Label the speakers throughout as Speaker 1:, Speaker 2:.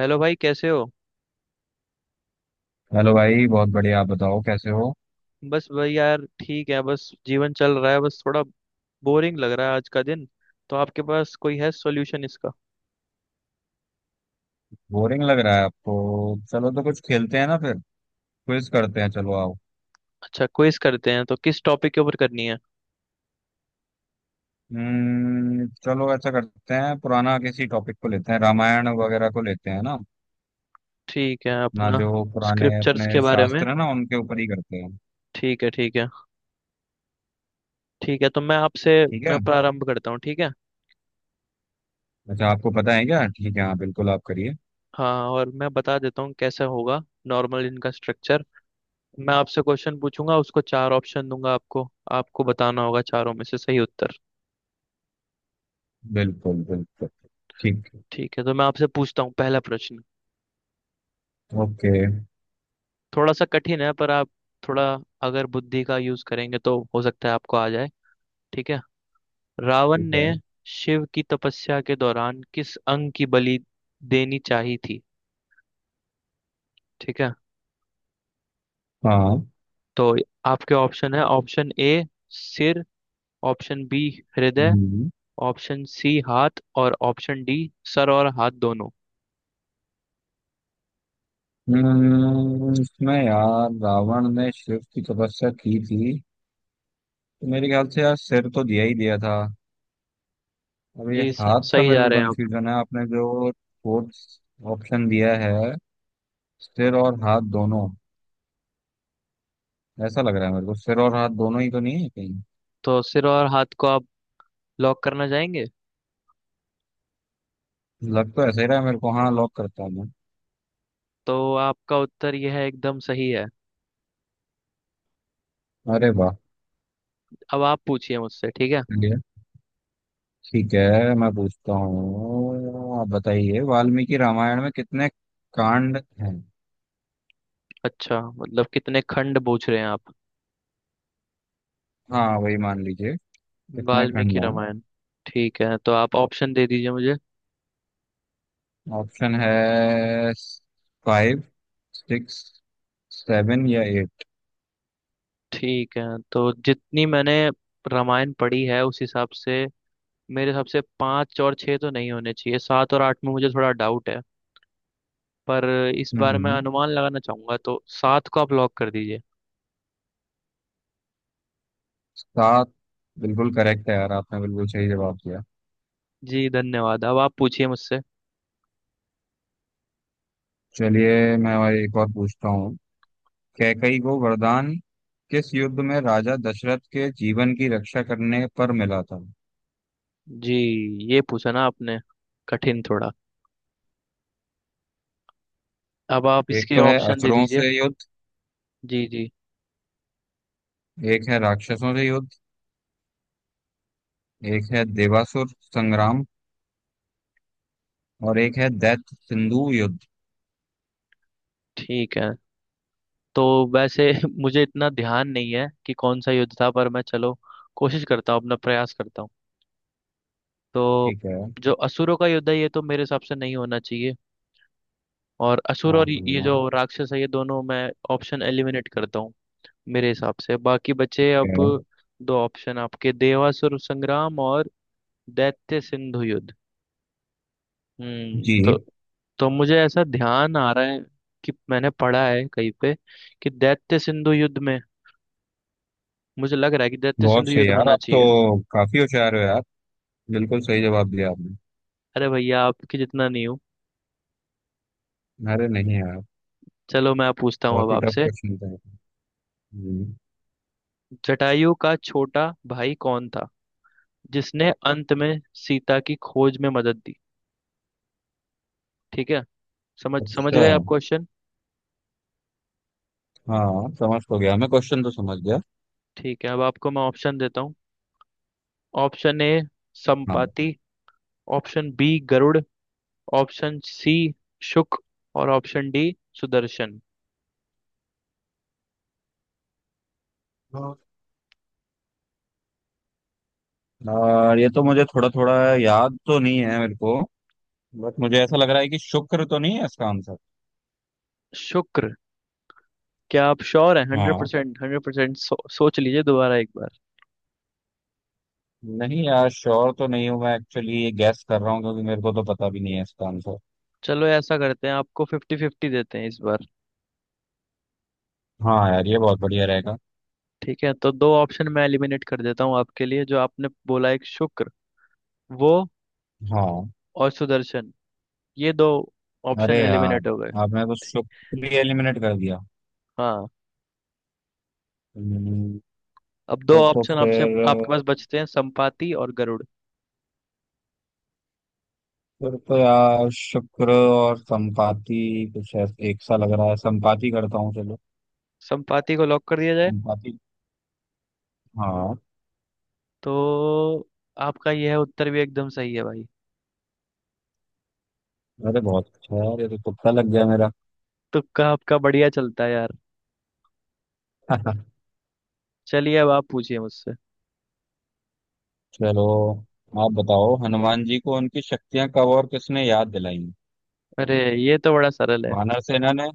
Speaker 1: Hello भाई, कैसे हो।
Speaker 2: हेलो भाई, बहुत बढ़िया। आप बताओ कैसे हो।
Speaker 1: बस भाई यार, ठीक है, बस जीवन चल रहा है, बस थोड़ा बोरिंग लग रहा है आज का दिन। तो आपके पास कोई है सॉल्यूशन इसका।
Speaker 2: बोरिंग लग रहा है आपको? चलो तो कुछ खेलते हैं ना फिर। क्विज करते हैं, चलो आओ।
Speaker 1: अच्छा, क्विज करते हैं तो किस टॉपिक के ऊपर करनी है।
Speaker 2: चलो ऐसा करते हैं, पुराना किसी टॉपिक को लेते हैं। रामायण वगैरह को लेते हैं ना।
Speaker 1: ठीक है,
Speaker 2: ना
Speaker 1: अपना
Speaker 2: जो पुराने
Speaker 1: स्क्रिप्चर्स
Speaker 2: अपने
Speaker 1: के बारे में।
Speaker 2: शास्त्र है ना, उनके ऊपर ही करते हैं।
Speaker 1: ठीक है, ठीक है। ठीक है,
Speaker 2: ठीक
Speaker 1: मैं
Speaker 2: है।
Speaker 1: प्रारंभ करता हूँ, ठीक है।
Speaker 2: अच्छा, आपको पता है क्या? ठीक है, हाँ बिल्कुल, आप करिए।
Speaker 1: हाँ, और मैं बता देता हूँ कैसा होगा नॉर्मल इनका स्ट्रक्चर। मैं आपसे क्वेश्चन पूछूंगा, उसको चार ऑप्शन दूंगा आपको। आपको बताना होगा चारों में से सही उत्तर।
Speaker 2: बिल्कुल बिल्कुल। ठीक।
Speaker 1: ठीक है, तो मैं आपसे पूछता हूँ पहला प्रश्न।
Speaker 2: ओके।
Speaker 1: थोड़ा सा कठिन है पर आप थोड़ा अगर बुद्धि का यूज करेंगे तो हो सकता है आपको आ जाए। ठीक है। रावण
Speaker 2: ठीक
Speaker 1: ने
Speaker 2: है।
Speaker 1: शिव की तपस्या के दौरान किस अंग की बलि देनी चाहिए थी। ठीक है।
Speaker 2: हाँ।
Speaker 1: तो आपके ऑप्शन है, ऑप्शन ए सिर, ऑप्शन बी हृदय,
Speaker 2: हम्म।
Speaker 1: ऑप्शन सी हाथ और ऑप्शन डी सर और हाथ दोनों।
Speaker 2: इसमें यार रावण ने शिव की तपस्या की थी, तो मेरे ख्याल से यार सिर तो दिया ही दिया था। अब ये
Speaker 1: जी,
Speaker 2: हाथ का
Speaker 1: सही
Speaker 2: मेरे
Speaker 1: जा
Speaker 2: को
Speaker 1: रहे हैं आप।
Speaker 2: कंफ्यूजन है। आपने जो फोर्थ ऑप्शन दिया है, सिर और हाथ दोनों, ऐसा लग रहा है मेरे को सिर और हाथ दोनों ही तो नहीं है कहीं।
Speaker 1: तो सिर और हाथ को आप लॉक करना चाहेंगे।
Speaker 2: लग तो ऐसा ही रहा है मेरे को। हाँ, लॉक करता हूँ मैं।
Speaker 1: तो आपका उत्तर यह है, एकदम सही है।
Speaker 2: अरे वाह।
Speaker 1: अब आप पूछिए मुझसे, ठीक है।
Speaker 2: चलिए। ठीक है, मैं पूछता हूँ। आप बताइए वाल्मीकि रामायण में कितने कांड हैं।
Speaker 1: अच्छा, मतलब कितने खंड पूछ रहे हैं आप।
Speaker 2: हाँ वही मान लीजिए, कितने
Speaker 1: वाल्मीकि
Speaker 2: खंड हैं।
Speaker 1: रामायण। ठीक है, तो आप ऑप्शन दे दीजिए मुझे।
Speaker 2: ऑप्शन है फाइव, सिक्स, सेवन या
Speaker 1: ठीक है, तो जितनी मैंने रामायण पढ़ी है उस हिसाब से मेरे हिसाब से पाँच और छः तो नहीं होने चाहिए, सात और आठ में मुझे थोड़ा डाउट है। पर इस बार मैं
Speaker 2: एट।
Speaker 1: अनुमान लगाना चाहूंगा, तो सात को आप लॉक कर दीजिए।
Speaker 2: सात। बिल्कुल करेक्ट है यार, आपने बिल्कुल सही जवाब दिया।
Speaker 1: जी धन्यवाद, अब आप पूछिए मुझसे।
Speaker 2: चलिए, मैं और एक और पूछता हूँ। कैकई को वरदान किस युद्ध में राजा दशरथ के जीवन की रक्षा करने पर मिला था।
Speaker 1: जी, ये पूछा ना आपने, कठिन थोड़ा। अब आप
Speaker 2: एक
Speaker 1: इसके
Speaker 2: तो है
Speaker 1: ऑप्शन दे
Speaker 2: असुरों
Speaker 1: दीजिए।
Speaker 2: से युद्ध,
Speaker 1: जी जी।
Speaker 2: एक है राक्षसों से युद्ध, एक है देवासुर संग्राम, और एक है दैत्य सिंधु युद्ध।
Speaker 1: ठीक है, तो वैसे मुझे इतना ध्यान नहीं है कि कौन सा युद्ध था, पर मैं चलो कोशिश करता हूँ, अपना प्रयास करता हूँ। तो
Speaker 2: ठीक है।
Speaker 1: जो असुरों का युद्ध है ये तो मेरे हिसाब से नहीं होना चाहिए, और असुर
Speaker 2: हाँ
Speaker 1: और ये जो
Speaker 2: हाँ।
Speaker 1: राक्षस है ये दोनों मैं ऑप्शन एलिमिनेट करता हूँ। मेरे हिसाब से बाकी बचे अब
Speaker 2: हाँ।
Speaker 1: दो ऑप्शन आपके, देवासुर संग्राम और दैत्य सिंधु युद्ध। हम्म,
Speaker 2: जी।
Speaker 1: तो मुझे ऐसा ध्यान आ रहा है कि मैंने पढ़ा है कहीं पे कि दैत्य सिंधु युद्ध में, मुझे लग रहा है कि दैत्य
Speaker 2: बहुत
Speaker 1: सिंधु
Speaker 2: सही
Speaker 1: युद्ध
Speaker 2: यार,
Speaker 1: होना
Speaker 2: आप
Speaker 1: चाहिए।
Speaker 2: तो काफी होशियार हो यार। बिल्कुल सही जवाब दिया आपने।
Speaker 1: अरे भैया, आपके जितना नहीं हूँ।
Speaker 2: अरे नहीं यार।
Speaker 1: चलो, मैं पूछता हूँ
Speaker 2: बहुत
Speaker 1: अब
Speaker 2: ही टफ
Speaker 1: आपसे।
Speaker 2: क्वेश्चन था। हम्म।
Speaker 1: जटायु का छोटा भाई कौन था जिसने अंत में सीता की खोज में मदद दी। ठीक है। समझ समझ
Speaker 2: अच्छा।
Speaker 1: गए आप क्वेश्चन।
Speaker 2: हाँ समझ तो गया, मैं क्वेश्चन तो समझ गया।
Speaker 1: ठीक है, अब आपको मैं ऑप्शन देता हूँ। ऑप्शन ए
Speaker 2: हाँ
Speaker 1: संपाति, ऑप्शन बी गरुड़, ऑप्शन सी शुक और ऑप्शन डी सुदर्शन।
Speaker 2: हाँ। और ये तो मुझे थोड़ा थोड़ा याद तो नहीं है मेरे को, बट मुझे ऐसा लग रहा है कि शुक्र तो नहीं है इसका आंसर।
Speaker 1: शुक्र, क्या आप श्योर हैं हंड्रेड
Speaker 2: हाँ।
Speaker 1: Percent hundred percent. सोच लीजिए दोबारा एक बार।
Speaker 2: नहीं यार, श्योर तो नहीं हूँ मैं। एक्चुअली ये गैस कर रहा हूँ, क्योंकि मेरे को तो पता भी नहीं है इसका आंसर।
Speaker 1: चलो, ऐसा करते हैं, आपको फिफ्टी फिफ्टी देते हैं इस बार।
Speaker 2: हाँ यार, ये बहुत बढ़िया रहेगा।
Speaker 1: ठीक है, तो दो ऑप्शन मैं एलिमिनेट कर देता हूँ आपके लिए, जो आपने बोला एक शुक्र वो
Speaker 2: हाँ।
Speaker 1: और सुदर्शन, ये दो ऑप्शन
Speaker 2: अरे यार,
Speaker 1: एलिमिनेट हो गए।
Speaker 2: आपने तो शुक्र ही एलिमिनेट कर दिया।
Speaker 1: हाँ।
Speaker 2: हम्म।
Speaker 1: अब दो
Speaker 2: तो
Speaker 1: ऑप्शन आपसे
Speaker 2: फिर
Speaker 1: आपके पास बचते हैं संपाति और गरुड़।
Speaker 2: फिर तो यार शुक्र और संपाति कुछ एक सा लग रहा है। संपाति करता हूँ चलो।
Speaker 1: संपाति को लॉक कर दिया जाए।
Speaker 2: तुम काफी। हाँ।
Speaker 1: तो आपका यह उत्तर भी एकदम सही है भाई।
Speaker 2: अरे बहुत अच्छा है यार, ये तो तुक्का लग गया मेरा।
Speaker 1: तुक्का आपका बढ़िया चलता है यार। चलिए, अब आप पूछिए मुझसे।
Speaker 2: चलो। आप बताओ हनुमान जी को उनकी शक्तियां कब और किसने याद दिलाई?
Speaker 1: अरे, ये तो बड़ा सरल है।
Speaker 2: वानर सेना ने,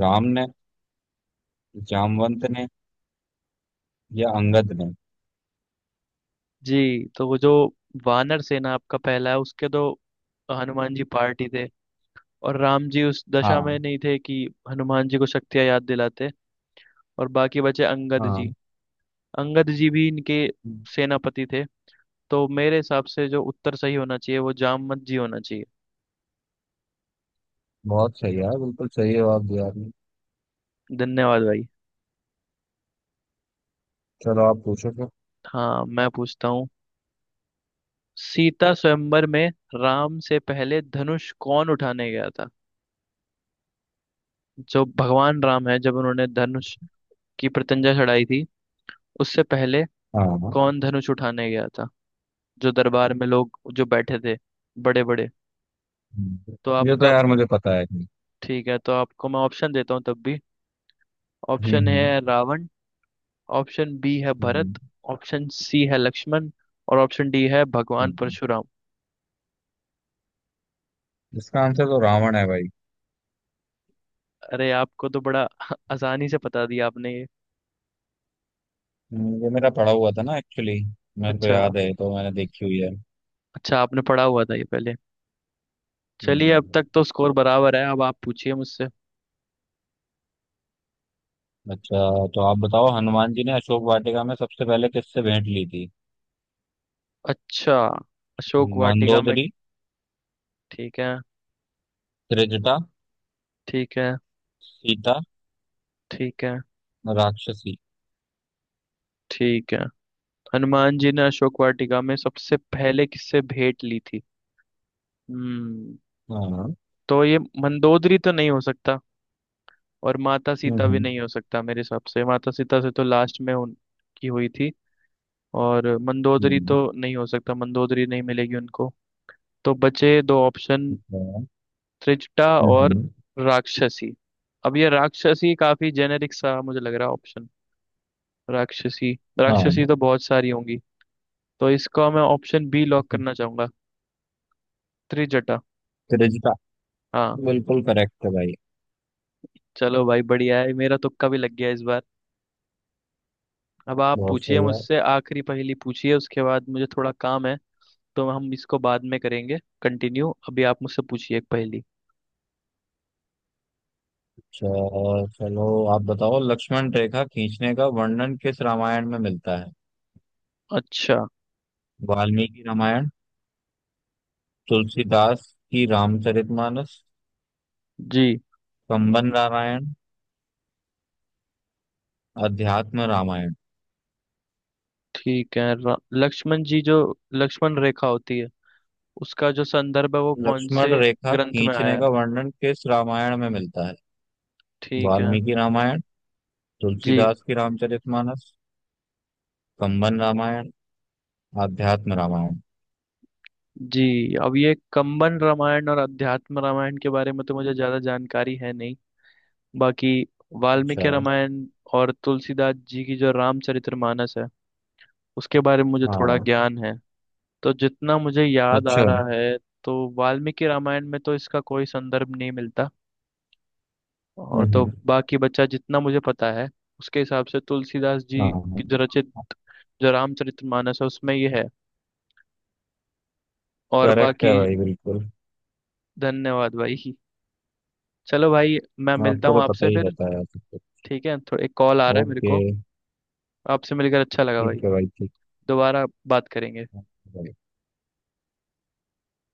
Speaker 2: राम ने, जामवंत ने, या अंगद ने।
Speaker 1: जी, तो वो जो वानर सेना आपका पहला है, उसके तो हनुमान जी पार्टी थे, और राम जी उस दशा में
Speaker 2: हाँ
Speaker 1: नहीं थे कि हनुमान जी को शक्तियां याद दिलाते। और बाकी बचे अंगद जी,
Speaker 2: हाँ।
Speaker 1: अंगद जी भी इनके सेनापति थे। तो मेरे हिसाब से जो उत्तर सही होना चाहिए वो जामवंत जी होना चाहिए।
Speaker 2: बहुत सही यार, बिल्कुल सही जवाब दिया आपने।
Speaker 1: धन्यवाद भाई।
Speaker 2: चलो आप पूछो फिर।
Speaker 1: हाँ, मैं पूछता हूँ। सीता स्वयंवर में राम से पहले धनुष कौन उठाने गया था। जो भगवान राम है, जब उन्होंने धनुष की प्रत्यंचा चढ़ाई थी, उससे पहले
Speaker 2: हाँ।
Speaker 1: कौन धनुष उठाने गया था, जो दरबार में लोग जो बैठे थे बड़े बड़े। तो
Speaker 2: हम्म, ये तो
Speaker 1: आपका
Speaker 2: यार मुझे पता है कि।
Speaker 1: ठीक है, तो आपको मैं ऑप्शन देता हूँ तब भी।
Speaker 2: हम्म
Speaker 1: ऑप्शन
Speaker 2: हम्म
Speaker 1: है रावण, ऑप्शन बी है
Speaker 2: हम्म।
Speaker 1: भरत, ऑप्शन सी है लक्ष्मण और ऑप्शन डी है भगवान
Speaker 2: हम्म।
Speaker 1: परशुराम।
Speaker 2: इसका आंसर तो रावण है भाई।
Speaker 1: अरे, आपको तो बड़ा आसानी से बता दिया आपने ये।
Speaker 2: ये मेरा पढ़ा हुआ था ना एक्चुअली। मेरे को
Speaker 1: अच्छा,
Speaker 2: याद है, तो मैंने देखी हुई है।
Speaker 1: अच्छा, आपने पढ़ा हुआ था ये पहले। चलिए, अब
Speaker 2: हम्म।
Speaker 1: तक तो स्कोर बराबर है। अब आप पूछिए मुझसे।
Speaker 2: अच्छा। तो आप बताओ हनुमान जी ने अशोक वाटिका में सबसे पहले किससे भेंट ली थी।
Speaker 1: अच्छा, अशोक वाटिका में।
Speaker 2: मंदोदरी,
Speaker 1: ठीक है।
Speaker 2: त्रिजटा,
Speaker 1: ठीक है।
Speaker 2: सीता,
Speaker 1: ठीक है।
Speaker 2: राक्षसी।
Speaker 1: ठीक है। हनुमान जी ने अशोक वाटिका में सबसे पहले किससे भेंट ली थी। हम्म।
Speaker 2: हाँ।
Speaker 1: तो ये मंदोदरी तो नहीं हो सकता, और माता सीता भी नहीं हो सकता, मेरे हिसाब से माता सीता से तो लास्ट में उनकी हुई थी। और मंदोदरी
Speaker 2: हम्म
Speaker 1: तो नहीं हो सकता, मंदोदरी नहीं मिलेगी उनको। तो बचे दो ऑप्शन,
Speaker 2: हम्म।
Speaker 1: त्रिजटा और
Speaker 2: हम्म।
Speaker 1: राक्षसी। अब ये राक्षसी काफी जेनेरिक सा मुझे लग रहा है ऑप्शन, राक्षसी,
Speaker 2: हाँ।
Speaker 1: राक्षसी तो बहुत सारी होंगी। तो इसको मैं ऑप्शन बी लॉक करना चाहूंगा, त्रिजटा।
Speaker 2: त्रिजटा।
Speaker 1: हाँ।
Speaker 2: बिल्कुल करेक्ट है भाई।
Speaker 1: चलो भाई, बढ़िया है, मेरा तुक्का भी लग गया इस बार। अब आप
Speaker 2: बहुत
Speaker 1: पूछिए
Speaker 2: सही है।
Speaker 1: मुझसे आखिरी पहेली, पूछिए, उसके बाद मुझे थोड़ा काम है, तो हम इसको बाद में करेंगे कंटिन्यू। अभी आप मुझसे पूछिए एक पहेली।
Speaker 2: अच्छा। चलो। आप बताओ लक्ष्मण रेखा खींचने का वर्णन किस रामायण में मिलता है।
Speaker 1: अच्छा।
Speaker 2: वाल्मीकि रामायण, तुलसीदास की रामचरितमानस,
Speaker 1: जी।
Speaker 2: कंबन रामायण, अध्यात्म रामायण।
Speaker 1: ठीक है, लक्ष्मण जी जो लक्ष्मण रेखा होती है, उसका जो संदर्भ है वो कौन
Speaker 2: लक्ष्मण
Speaker 1: से
Speaker 2: रेखा
Speaker 1: ग्रंथ में आया
Speaker 2: खींचने
Speaker 1: है।
Speaker 2: का वर्णन किस रामायण में मिलता है।
Speaker 1: ठीक है।
Speaker 2: वाल्मीकि रामायण,
Speaker 1: जी
Speaker 2: तुलसीदास की रामचरितमानस, कंबन रामायण, आध्यात्म रामायण।
Speaker 1: जी। अब ये कंबन रामायण और अध्यात्म रामायण के बारे में तो मुझे ज्यादा जानकारी है नहीं। बाकी
Speaker 2: अच्छा।
Speaker 1: वाल्मीकि रामायण और तुलसीदास जी की जो रामचरितमानस है उसके बारे में मुझे थोड़ा
Speaker 2: हाँ।
Speaker 1: ज्ञान है। तो जितना मुझे याद आ हाँ
Speaker 2: अच्छा।
Speaker 1: रहा है, तो वाल्मीकि रामायण में तो इसका कोई संदर्भ नहीं मिलता। और तो
Speaker 2: हम्म।
Speaker 1: बाकी बचा जितना मुझे पता है, उसके हिसाब से तुलसीदास जी
Speaker 2: हाँ।
Speaker 1: की जो रचित जो रामचरितमानस है उसमें ये है। और
Speaker 2: करेक्ट
Speaker 1: बाकी
Speaker 2: है भाई, बिल्कुल।
Speaker 1: धन्यवाद भाई। चलो भाई, मैं मिलता
Speaker 2: आपको
Speaker 1: हूँ
Speaker 2: तो पता
Speaker 1: आपसे
Speaker 2: ही
Speaker 1: फिर।
Speaker 2: रहता है सब कुछ।
Speaker 1: ठीक है, थोड़ा एक कॉल आ रहा है मेरे
Speaker 2: ओके।
Speaker 1: को। आपसे मिलकर अच्छा लगा भाई।
Speaker 2: ठीक है भाई। ठीक
Speaker 1: दोबारा बात करेंगे।
Speaker 2: है।